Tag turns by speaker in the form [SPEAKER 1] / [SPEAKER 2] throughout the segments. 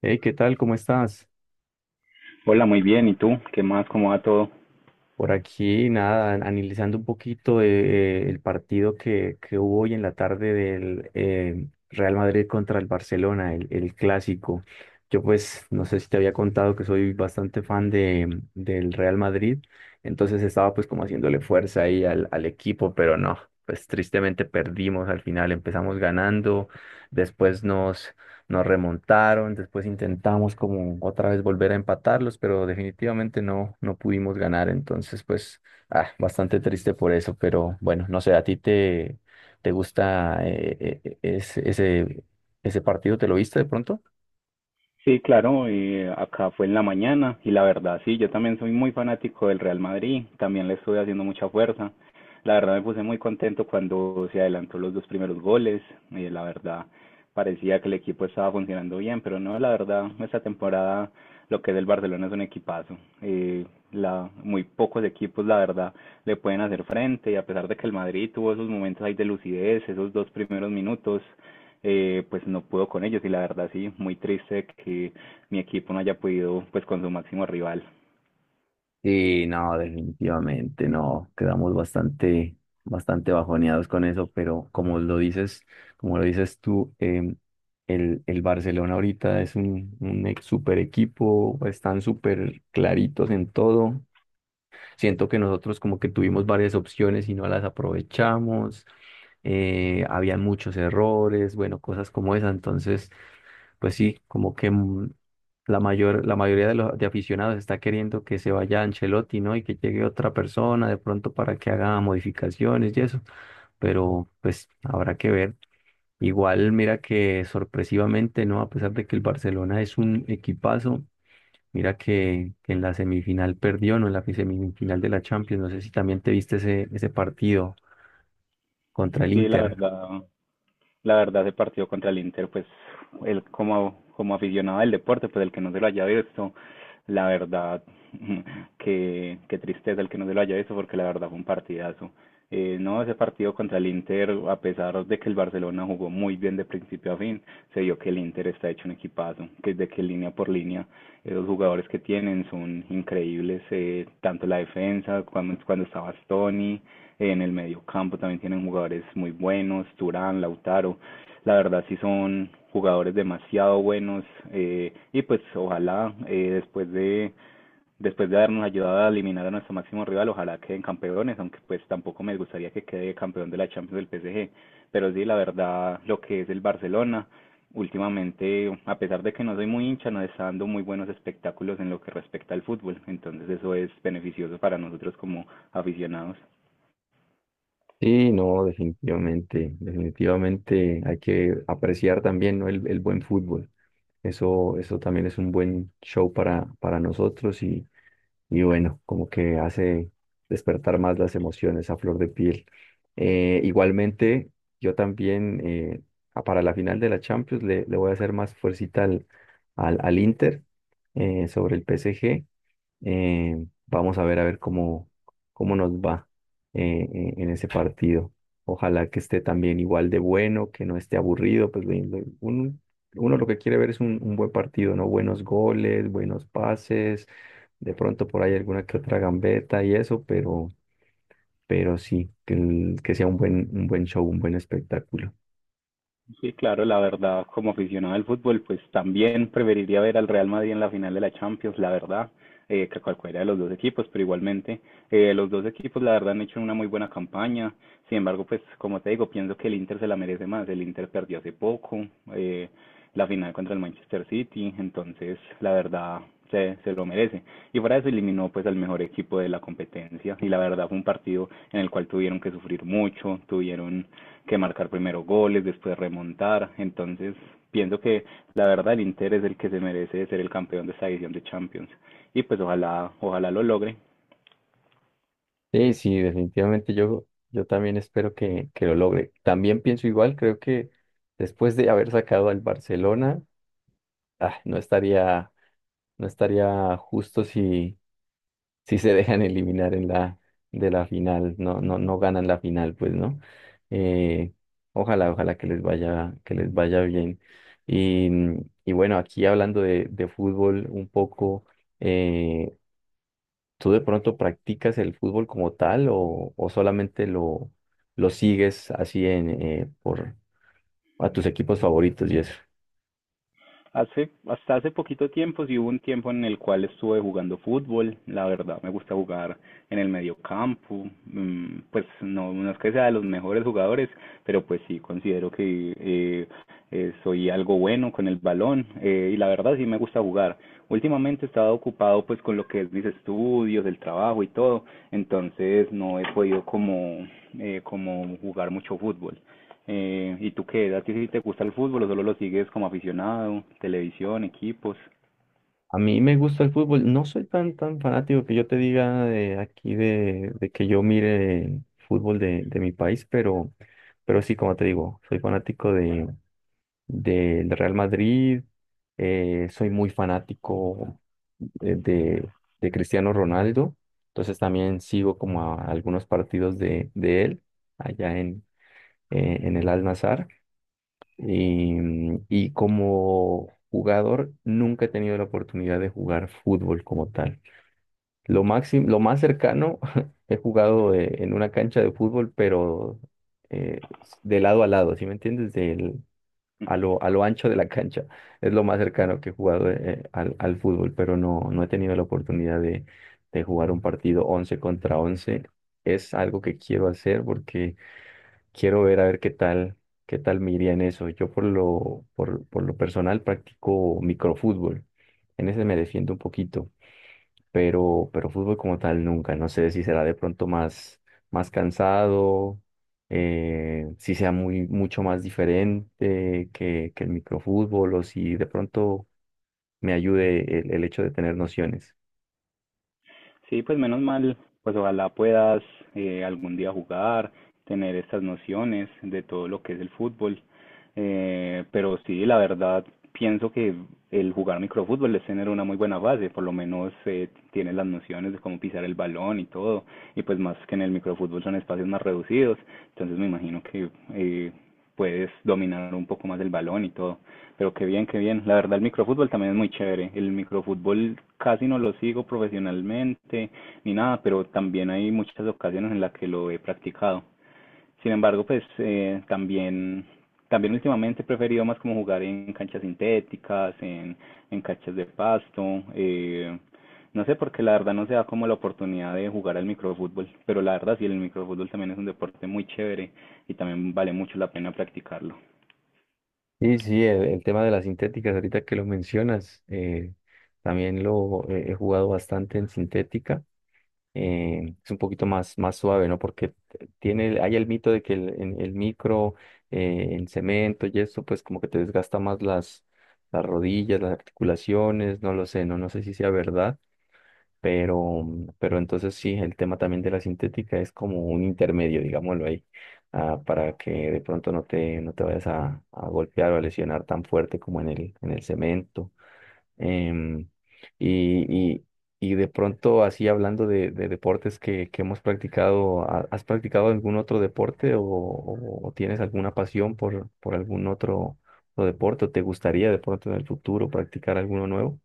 [SPEAKER 1] Hey, ¿qué tal? ¿Cómo estás?
[SPEAKER 2] Hola, muy bien. ¿Y tú? ¿Qué más? ¿Cómo va todo?
[SPEAKER 1] Por aquí, nada, analizando un poquito el partido que hubo hoy en la tarde del Real Madrid contra el Barcelona, el clásico. Yo pues no sé si te había contado que soy bastante fan del Real Madrid, entonces estaba pues como haciéndole fuerza ahí al equipo, pero no, pues tristemente perdimos al final, empezamos ganando, después nos remontaron, después intentamos como otra vez volver a empatarlos, pero definitivamente no, no pudimos ganar, entonces pues ah, bastante triste por eso, pero bueno, no sé, ¿a ti te gusta ese partido? ¿Te lo viste de pronto?
[SPEAKER 2] Sí, claro, acá fue en la mañana y la verdad, sí, yo también soy muy fanático del Real Madrid, también le estuve haciendo mucha fuerza. La verdad me puse muy contento cuando se adelantó los dos primeros goles, la verdad parecía que el equipo estaba funcionando bien, pero no, la verdad, esta temporada lo que es el Barcelona es un equipazo. Eh, muy pocos equipos, la verdad, le pueden hacer frente, y a pesar de que el Madrid tuvo esos momentos ahí de lucidez, esos dos primeros minutos, pues no pudo con ellos y la verdad sí, muy triste que mi equipo no haya podido pues con su máximo rival.
[SPEAKER 1] Sí, no, definitivamente no. Quedamos bastante bajoneados con eso, pero como lo dices tú, el Barcelona ahorita es un super equipo, están súper claritos en todo. Siento que nosotros como que tuvimos varias opciones y no las aprovechamos. Había muchos errores, bueno, cosas como esa. Entonces, pues sí, como que la mayoría de los de aficionados está queriendo que se vaya Ancelotti, ¿no? Y que llegue otra persona de pronto para que haga modificaciones y eso, pero pues habrá que ver. Igual, mira que sorpresivamente, ¿no? A pesar de que el Barcelona es un equipazo, mira que en la semifinal perdió, ¿no? En la semifinal de la Champions, no sé si también te viste ese partido contra el
[SPEAKER 2] Sí, la
[SPEAKER 1] Inter.
[SPEAKER 2] verdad, ese partido contra el Inter, pues él como, como aficionado del deporte, pues el que no se lo haya visto, la verdad, qué tristeza el que no se lo haya visto, porque la verdad fue un partidazo. No, ese partido contra el Inter, a pesar de que el Barcelona jugó muy bien de principio a fin, se vio que el Inter está hecho un equipazo, que desde que línea por línea, los jugadores que tienen son increíbles, tanto la defensa, cuando estaba Stoni, en el mediocampo también tienen jugadores muy buenos, Turán, Lautaro. La verdad sí son jugadores demasiado buenos, y pues ojalá, después de habernos ayudado a eliminar a nuestro máximo rival, ojalá queden campeones, aunque pues tampoco me gustaría que quede campeón de la Champions del PSG. Pero sí, la verdad, lo que es el Barcelona, últimamente, a pesar de que no soy muy hincha, nos está dando muy buenos espectáculos en lo que respecta al fútbol. Entonces eso es beneficioso para nosotros como aficionados.
[SPEAKER 1] Sí, no, definitivamente hay que apreciar también, ¿no? El buen fútbol. Eso también es un buen show para nosotros y bueno, como que hace despertar más las emociones a flor de piel. Igualmente, yo también para la final de la Champions le voy a hacer más fuercita al Inter sobre el PSG. Vamos a ver cómo nos va en ese partido. Ojalá que esté también igual de bueno, que no esté aburrido, pues uno lo que quiere ver es un buen partido, ¿no? Buenos goles, buenos pases, de pronto por ahí alguna que otra gambeta y eso, pero sí, que sea un buen show, un buen espectáculo.
[SPEAKER 2] Sí, claro, la verdad, como aficionado al fútbol, pues también preferiría ver al Real Madrid en la final de la Champions, la verdad, que cualquiera de los dos equipos, pero igualmente los dos equipos, la verdad, han hecho una muy buena campaña. Sin embargo, pues como te digo, pienso que el Inter se la merece más. El Inter perdió hace poco, eh, la final contra el Manchester City, entonces, la verdad, se lo merece. Y fuera de eso eliminó pues al mejor equipo de la competencia y la verdad fue un partido en el cual tuvieron que sufrir mucho, tuvieron que marcar primero goles, después remontar, entonces pienso que la verdad el Inter es el que se merece ser el campeón de esta edición de Champions, y pues ojalá, lo logre.
[SPEAKER 1] Sí, sí, yo también espero que lo logre. También pienso igual, creo que después de haber sacado al Barcelona, ah, no estaría justo si se dejan eliminar de la final, no, no, no ganan la final, pues, ¿no? Eh, ojalá que les vaya bien. Y, y bueno, aquí hablando de fútbol un poco, eh, ¿tú de pronto practicas el fútbol como tal o solamente lo sigues así en, por, a tus equipos favoritos y eso?
[SPEAKER 2] Hace, hasta hace poquito tiempo, sí hubo un tiempo en el cual estuve jugando fútbol, la verdad me gusta jugar en el medio campo. Mm, pues no, no es que sea de los mejores jugadores, pero pues sí considero que soy algo bueno con el balón, y la verdad sí me gusta jugar. Últimamente he estado ocupado pues con lo que es mis estudios, el trabajo y todo, entonces no he podido como, como jugar mucho fútbol. ¿Y tú qué? ¿A ti sí te gusta el fútbol o solo lo sigues como aficionado? Televisión, equipos.
[SPEAKER 1] A mí me gusta el fútbol. No soy tan fanático que yo te diga de aquí de que yo mire fútbol de mi país, pero sí, como te digo, soy fanático de Real Madrid, soy muy fanático eh, de, de Cristiano Ronaldo, entonces también sigo como a algunos partidos de él allá en el Al-Nassr. Y, mm, y como jugador nunca he tenido la oportunidad de jugar fútbol como tal. Lo máximo, lo más cercano he jugado en una cancha de fútbol, pero eh, de lado a lado, ¿sí me entiendes? Del, a lo ancho de la cancha. Es lo más cercano que he jugado al fútbol, pero no, no he tenido la oportunidad de jugar un partido 11 contra once. Es algo que quiero hacer porque quiero ver a ver qué tal me iría en eso. Yo por lo personal practico microfútbol. En ese me defiendo un poquito pero fútbol como tal nunca. No sé si será de pronto más cansado, si sea muy, mucho más diferente que el microfútbol o si de pronto me ayude el hecho de tener nociones.
[SPEAKER 2] Sí, pues menos mal, pues ojalá puedas algún día jugar, tener estas nociones de todo lo que es el fútbol. Pero sí, la verdad, pienso que el jugar microfútbol es tener una muy buena base, por lo menos tienes las nociones de cómo pisar el balón y todo, y pues más que en el microfútbol son espacios más reducidos, entonces me imagino que eh, puedes dominar un poco más el balón y todo. Pero qué bien, qué bien. La verdad, el microfútbol también es muy chévere. El microfútbol casi no lo sigo profesionalmente ni nada, pero también hay muchas ocasiones en las que lo he practicado. Sin embargo, pues también últimamente he preferido más como jugar en canchas sintéticas, en canchas de pasto. No sé, porque la verdad no se da como la oportunidad de jugar al microfútbol, pero la verdad sí, el microfútbol también es un deporte muy chévere y también vale mucho la pena practicarlo.
[SPEAKER 1] Sí sí, el tema de las sintéticas, ahorita que lo mencionas, también lo he jugado bastante en sintética. Eh, es un poquito más suave, ¿no? Porque tiene, hay el mito de que el, el micro, en cemento y eso, pues como que te desgasta más las rodillas, las articulaciones, no lo sé, no, no sé si sea verdad, pero, pero entonces sí, el tema también de la sintética es como un intermedio, digámoslo ahí, ah, para que de pronto no te, no te vayas a golpear o a lesionar tan fuerte como en el cemento. Em, y, y- y de pronto, así hablando de deportes que hemos practicado, ¿has practicado algún otro deporte o, o tienes alguna pasión por algún otro deporte? ¿O te gustaría de pronto en el futuro practicar alguno nuevo?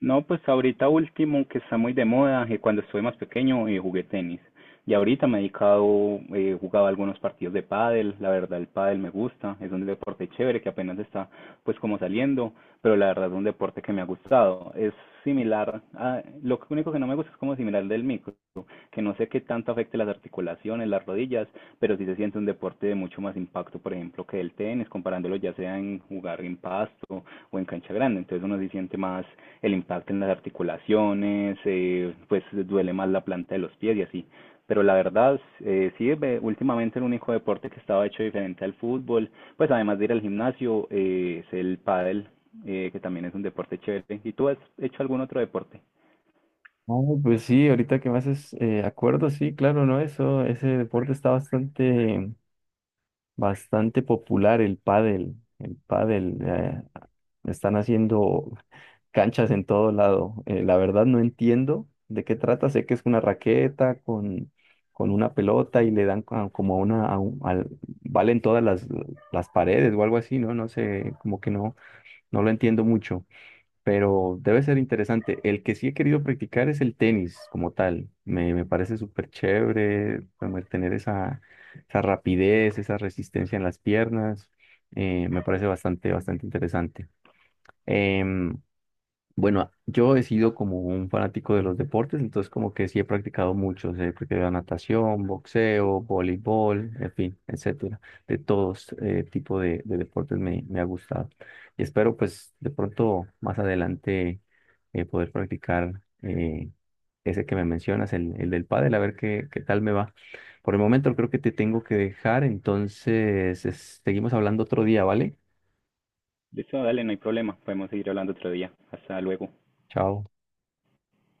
[SPEAKER 2] No, pues ahorita último, que está muy de moda, que cuando estuve más pequeño jugué tenis. Y ahorita me he dedicado, jugaba algunos partidos de pádel, la verdad el pádel me gusta, es un deporte chévere que apenas está pues como saliendo, pero la verdad es un deporte que me ha gustado. Es similar a, lo único que no me gusta es como similar al del micro, que no sé qué tanto afecte las articulaciones, las rodillas, pero sí se siente un deporte de mucho más impacto, por ejemplo, que el tenis, comparándolo ya sea en jugar en pasto o en cancha grande, entonces uno se siente más el impacto en las articulaciones. Pues duele más la planta de los pies y así. Pero la verdad, sí, últimamente el único deporte que estaba hecho diferente al fútbol, pues además de ir al gimnasio, es el pádel, que también es un deporte chévere. ¿Y tú has hecho algún otro deporte?
[SPEAKER 1] Oh, pues sí, ahorita que me haces acuerdo, sí, claro, ¿no? Eso, ese deporte está bastante popular, el pádel. El pádel, están haciendo canchas en todo lado. La verdad no entiendo de qué trata. Sé que es una raqueta con una pelota y le dan como a una, a valen todas las paredes o algo así, ¿no? No sé, como que no, no lo entiendo mucho, pero debe ser interesante. El que sí he querido practicar es el tenis como tal. Me parece súper chévere como el tener esa rapidez, esa resistencia en las piernas. Me parece bastante interesante. Em, bueno, yo he sido como un fanático de los deportes, entonces como que sí he practicado muchos, he practicado natación, boxeo, voleibol, en fin, etcétera. De todos tipo de deportes me ha gustado. Y espero pues de pronto más adelante poder practicar ese que me mencionas, el del pádel, a ver qué tal me va. Por el momento creo que te tengo que dejar, entonces seguimos hablando otro día, ¿vale?
[SPEAKER 2] Listo, dale, no hay problema, podemos seguir hablando otro día. Hasta luego.
[SPEAKER 1] Chao.